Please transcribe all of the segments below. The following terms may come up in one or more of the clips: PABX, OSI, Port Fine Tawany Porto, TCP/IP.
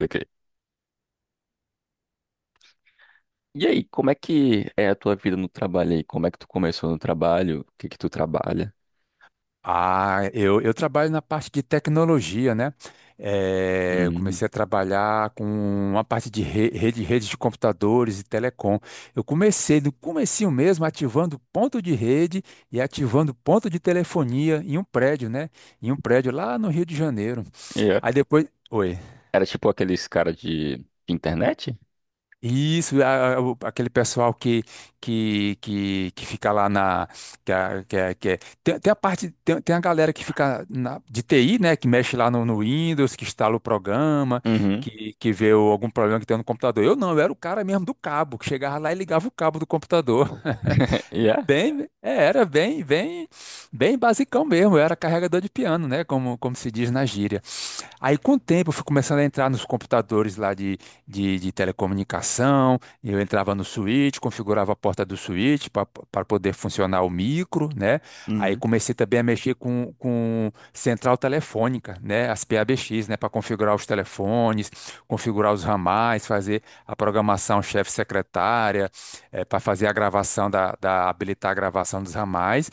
Ok. E aí, como é que é a tua vida no trabalho aí? Como é que tu começou no trabalho? O que que tu trabalha? Ah, eu trabalho na parte de tecnologia, né? Eu Hum. comecei a trabalhar com uma parte de rede, redes de computadores e telecom. Eu comecei do comecinho mesmo, ativando ponto de rede e ativando ponto de telefonia em um prédio, né? Em um prédio lá no Rio de Janeiro. Yeah. Aí depois. Oi. Era tipo aqueles cara de internet? Isso, aquele pessoal que fica lá na. Que, a- que, a- que é- Tem a galera que fica na, de TI, né? Que mexe lá no Windows, que instala o programa, Uhum. que vê algum problema que tem no computador. Eu não, eu era o cara mesmo do cabo, que chegava lá e ligava o cabo do computador. Yeah. Bem, era bem basicão mesmo. Eu era carregador de piano, né? Como se diz na gíria. Aí, com o tempo, eu fui começando a entrar nos computadores lá de telecomunicação. Eu entrava no switch, configurava a porta do switch para poder funcionar o micro, né? Aí Uhum. comecei também a mexer com central telefônica, né? As PABX, né? Para configurar os telefones, configurar os ramais, fazer a programação chefe-secretária, para fazer a gravação da, da habilitar a gravação dos ramais.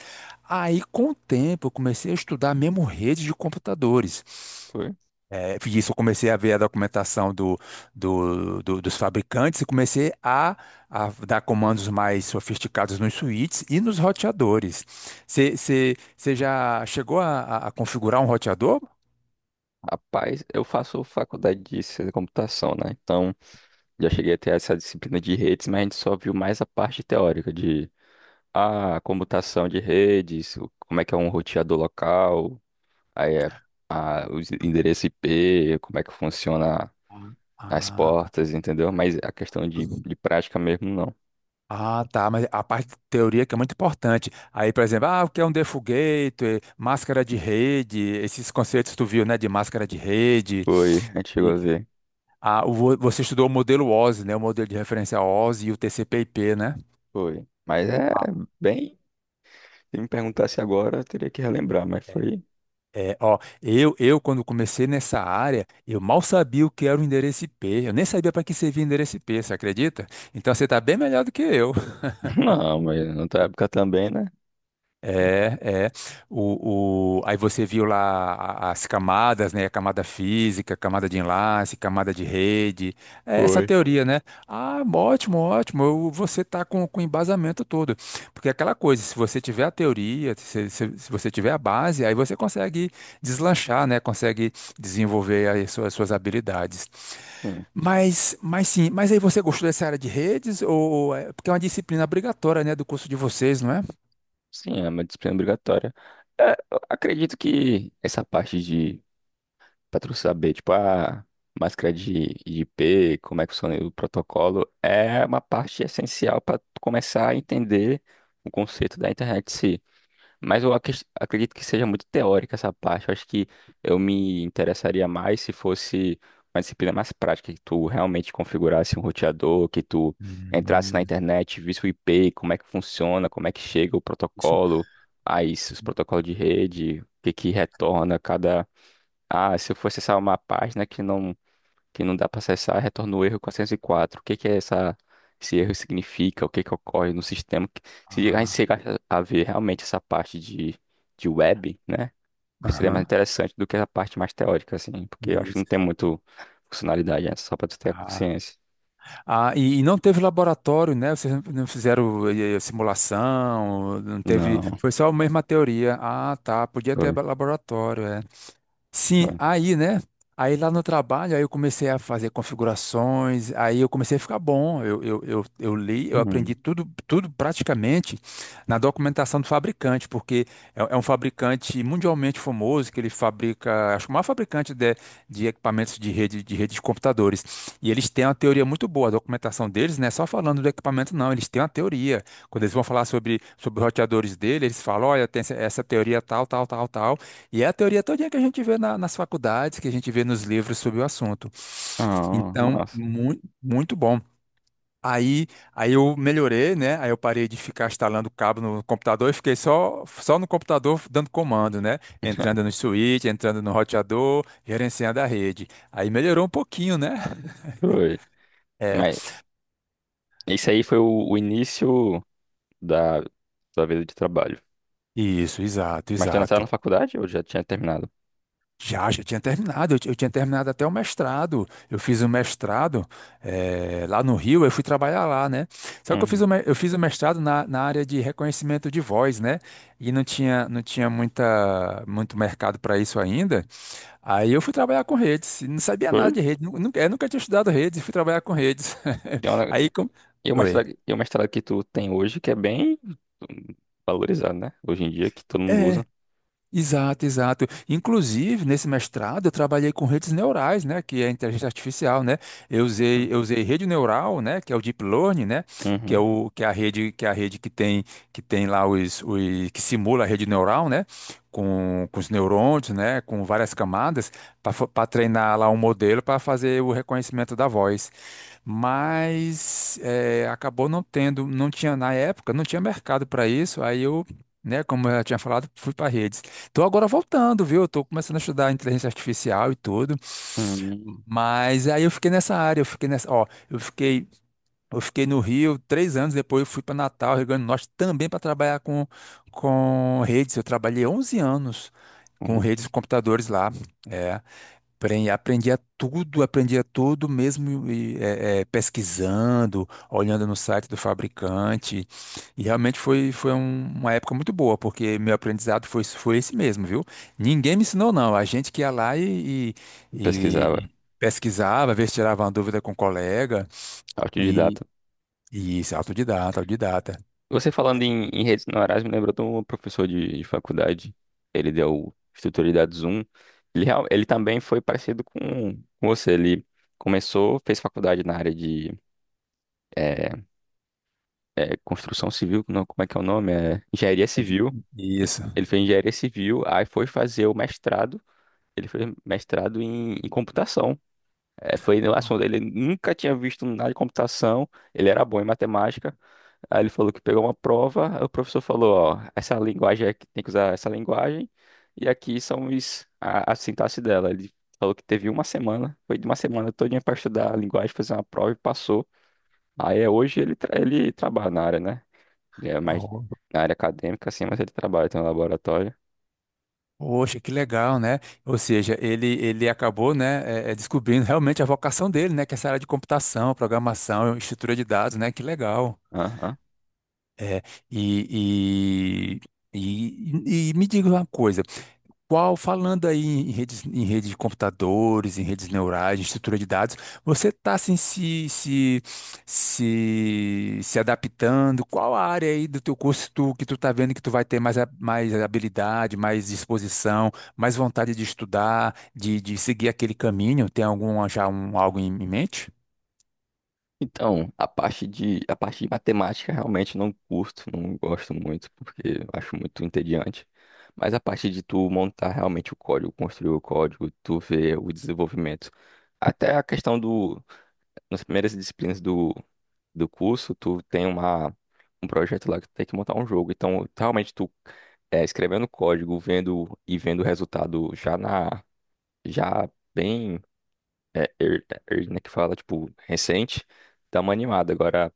Aí, com o tempo, eu comecei a estudar mesmo rede de computadores. Foi. É, e isso eu comecei a ver a documentação dos fabricantes e comecei a dar comandos mais sofisticados nos switches e nos roteadores. Você já chegou a configurar um roteador? Rapaz, eu faço faculdade de ciência da computação, né? Então, já cheguei a ter essa disciplina de redes, mas a gente só viu mais a parte teórica de a computação de redes, como é que é um roteador local, aí é, a, os endereços IP, como é que funciona as Ah, portas, entendeu? Mas a questão de, prática mesmo, não. tá, mas a parte teoria que é muito importante. Aí, por exemplo, o que é um default gateway, máscara de rede, esses conceitos tu viu, né, de máscara de rede. Foi, a gente chegou E, a ver. Você estudou o modelo OSI, né, o modelo de referência OSI e o TCP/IP, né? Foi. Mas é bem. Se me perguntasse agora, eu teria que relembrar, mas foi. É, ó, eu quando comecei nessa área, eu mal sabia o que era o endereço IP. Eu nem sabia para que servia endereço IP, você acredita? Então você está bem melhor do que eu. Não, mas na tua época também, né? É, é. Aí você viu lá as camadas, né? A camada física, camada de enlace, camada de rede. É essa Foi. teoria, né? Ah, ótimo, ótimo. Você tá com o embasamento todo. Porque é aquela coisa, se você tiver a teoria, se você tiver a base, aí você consegue deslanchar, né? Consegue desenvolver aí as suas habilidades. Hum. Mas sim, mas aí você gostou dessa área de redes? Porque é uma disciplina obrigatória, né? Do curso de vocês, não é? Sim, é uma disciplina obrigatória. É, eu acredito que essa parte de. Pra tu saber, tipo, a máscara de IP, como é que funciona o protocolo, é uma parte essencial para começar a entender o conceito da internet. Mas eu acredito que seja muito teórica essa parte. Eu acho que eu me interessaria mais se fosse uma disciplina mais prática, que tu realmente configurasse um roteador, que tu entrasse na Hum. internet, visse o IP, como é que funciona, como é que chega o Isso. protocolo, aí os protocolos de rede, o que que retorna cada. Ah, se eu fosse acessar uma página que não dá para acessar, retorna o erro 404. O que que é essa, esse erro significa? O que que ocorre no sistema? Se a gente Ah, chegar a ver realmente essa parte de web, né? Seria mais aham. interessante do que a parte mais teórica, assim, porque eu acho que Isso. não tem muito funcionalidade, né? Só para tu ter a Ah, consciência. e não teve laboratório, né? Vocês não fizeram simulação, não teve. Não, Foi só a mesma teoria. Ah, tá. Podia ter foi, laboratório, é. Sim, foi. aí, né? Aí lá no trabalho, aí eu comecei a fazer configurações, aí eu comecei a ficar bom. Eu li, eu aprendi Hum. tudo praticamente na documentação do fabricante, porque é um fabricante mundialmente famoso, que ele fabrica, acho que o maior fabricante de equipamentos de rede, de rede de computadores. E eles têm uma teoria muito boa, a documentação deles não é só falando do equipamento, não, eles têm uma teoria. Quando eles vão falar sobre os roteadores dele, eles falam, olha, tem essa teoria tal, tal, tal, tal. E é a teoria todinha que a gente vê nas faculdades, que a gente vê nos livros sobre o assunto. Ah, Então, massa. muito, muito bom. Aí, aí eu melhorei, né? Aí eu parei de ficar instalando cabo no computador e fiquei só no computador dando comando, né? Entrando no switch, entrando no roteador, gerenciando a rede. Aí melhorou um pouquinho, né? Foi. É, Mas isso aí foi o início da tua vida de trabalho. isso, exato, Mas tu ainda estava exato. na faculdade ou já tinha terminado? Já tinha terminado, eu tinha terminado até o mestrado. Eu fiz o mestrado lá no Rio, eu fui trabalhar lá, né? Só que eu Uhum. Fiz o mestrado na área de reconhecimento de voz, né? E não tinha muito mercado para isso ainda. Aí eu fui trabalhar com redes, e não sabia nada Foi? de rede, nu- nunca, eu nunca tinha estudado redes, e fui trabalhar com redes. Aí. E o Oi. mestrado, e o mestrado que tu tem hoje, que é bem valorizado, né? Hoje em dia, que todo mundo É, usa. exato, exato. Inclusive, nesse mestrado, eu trabalhei com redes neurais, né, que é a inteligência artificial, né? Eu usei, Então, eu usei rede neural, né, que é o deep learning, né, que é Uhum. o que é a rede, que é a rede que tem lá os que simula a rede neural, né, com os neurônios, né, com várias camadas para treinar lá um modelo para fazer o reconhecimento da voz mas acabou não tinha na época, não tinha mercado para isso, aí eu, né, como eu já tinha falado, fui para redes. Tô agora voltando, viu? Eu tô começando a estudar inteligência artificial e tudo. Uhum. Mas aí eu fiquei nessa área, eu fiquei nessa, ó, eu fiquei no Rio 3 anos, depois eu fui para Natal, Rio Grande do Norte, também para trabalhar com redes. Eu trabalhei 11 anos com Uhum. redes de computadores lá. É. Aprendia tudo mesmo e, pesquisando, olhando no site do fabricante. E realmente foi uma época muito boa, porque meu aprendizado foi esse mesmo, viu? Ninguém me ensinou, não. A gente que ia lá e, e- Pesquisava. e pesquisava, às vezes tirava uma dúvida com um colega. E, Autodidata. e isso, autodidata, autodidata. Você falando em redes neurais, me lembrou de um professor de faculdade. Ele deu estrutura de. Ele também foi parecido com você. Ele começou, fez faculdade na área de eh, construção civil, não, como é que é o nome? É, engenharia Entendi. civil. Isso. Ele fez engenharia civil, aí foi fazer o mestrado. Ele foi mestrado em computação. É, foi no assunto. Ele nunca tinha visto nada de computação. Ele era bom em matemática. Aí ele falou que pegou uma prova. Aí o professor falou: Ó, essa linguagem aqui tem que usar essa linguagem. E aqui são os, a sintaxe dela. Ele falou que teve uma semana. Foi de uma semana todinha para estudar a linguagem, fazer uma prova e passou. Aí é, hoje ele, ele trabalha na área, né? Ele é mais Oh, na área acadêmica, assim, mas ele trabalha tem um laboratório. poxa, que legal, né? Ou seja, ele acabou, né, descobrindo realmente a vocação dele, né, que é essa área de computação, programação, estrutura de dados, né? Que legal. É, e, e, e me diga uma coisa, qual, falando aí em redes de computadores, em redes neurais, em estrutura de dados, você está assim, se adaptando? Qual a área aí do teu curso que tu está vendo que tu vai ter mais, mais habilidade, mais disposição, mais vontade de estudar, de seguir aquele caminho? Tem algum já algo em mente? Então, a parte de matemática realmente não curto, não gosto muito, porque eu acho muito entediante. Mas a parte de tu montar realmente o código, construir o código, tu ver o desenvolvimento. Até a questão do, nas primeiras disciplinas do curso, tu tem uma, um projeto lá que tu tem que montar um jogo. Então, realmente tu é, escrevendo código, vendo e vendo o resultado já na, já bem, é, né, que fala, tipo, recente, dá uma animada. Agora,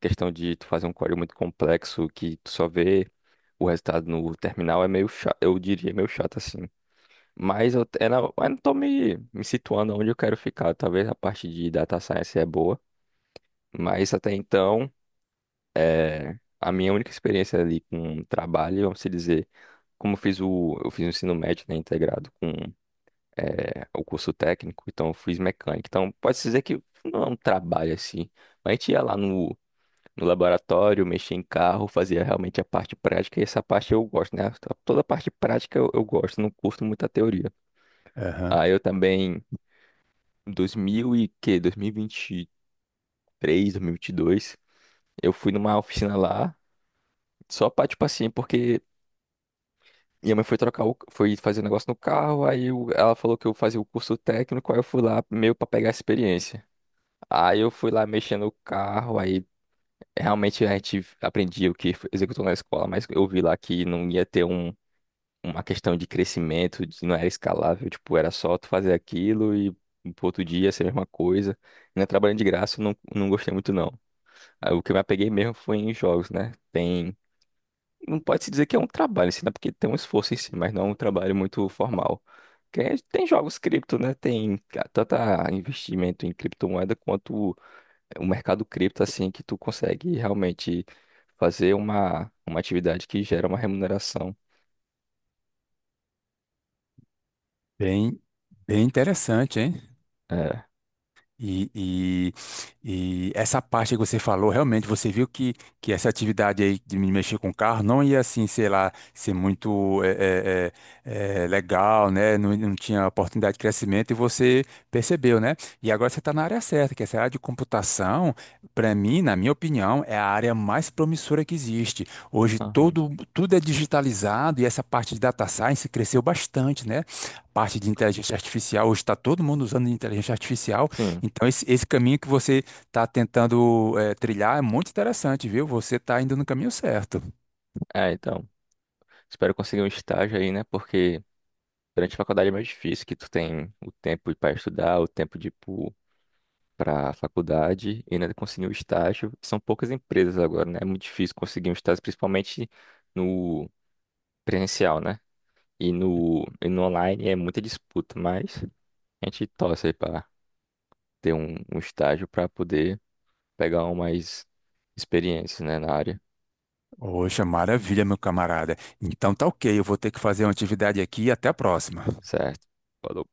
questão de tu fazer um código muito complexo que tu só vê o resultado no terminal é meio chato, eu diria meio chato assim. Mas eu não tô me situando onde eu quero ficar. Talvez a parte de data science é boa, mas até então, a minha única experiência ali com trabalho, vamos se dizer, como eu fiz o ensino médio, né, integrado com o curso técnico, então eu fiz mecânica. Então, pode-se dizer que não é um trabalho assim. Mas a gente ia lá no laboratório, mexia em carro, fazia realmente a parte prática, e essa parte eu gosto, né? Toda a parte prática eu gosto, não curto muito a teoria. Aham. Aí eu também, em 2000 e que, 2023, 2022, eu fui numa oficina lá, só pra, tipo assim, porque minha mãe foi trocar o, foi fazer um negócio no carro, ela falou que eu fazia o curso técnico, aí eu fui lá meio pra pegar a experiência. Aí eu fui lá mexendo o carro, aí realmente a gente aprendia o que executou na escola, mas eu vi lá que não ia ter uma questão de crescimento, não era escalável, tipo, era só tu fazer aquilo e pro outro dia ser a mesma coisa. Ainda trabalhando de graça, eu não gostei muito não. Aí, o que eu me apeguei mesmo foi em jogos, né? Tem, não pode se dizer que é um trabalho, assim, né? Porque tem um esforço em si, mas não é um trabalho muito formal. Tem jogos cripto, né? Tem tanto a investimento em criptomoeda quanto o mercado cripto, assim, que tu consegue realmente fazer uma atividade que gera uma remuneração. Bem, bem interessante, hein? É, E, e essa parte que você falou, realmente você viu que essa atividade aí de me mexer com o carro não ia assim, sei lá, ser muito legal, né? Não, não tinha oportunidade de crescimento e você percebeu, né? E agora você está na área certa, que essa área de computação, para mim, na minha opinião, é a área mais promissora que existe. Hoje aham. Tudo é digitalizado e essa parte de data science cresceu bastante, né? Parte de inteligência artificial, hoje está todo mundo usando inteligência artificial Sim. então, esse caminho que você está tentando trilhar é muito interessante, viu? Você está indo no caminho certo. É, então, espero conseguir um estágio aí, né? Porque durante a faculdade é mais difícil, que tu tem o tempo para estudar, o tempo de ir pra faculdade e ainda conseguir um estágio. São poucas empresas agora, né? É muito difícil conseguir um estágio, principalmente no presencial, né? E no online é muita disputa, mas a gente torce aí pra ter um estágio para poder pegar uma mais experiência, né, na área. Poxa, maravilha, meu camarada. Então tá ok, eu vou ter que fazer uma atividade aqui e até a próxima. Certo. Falou.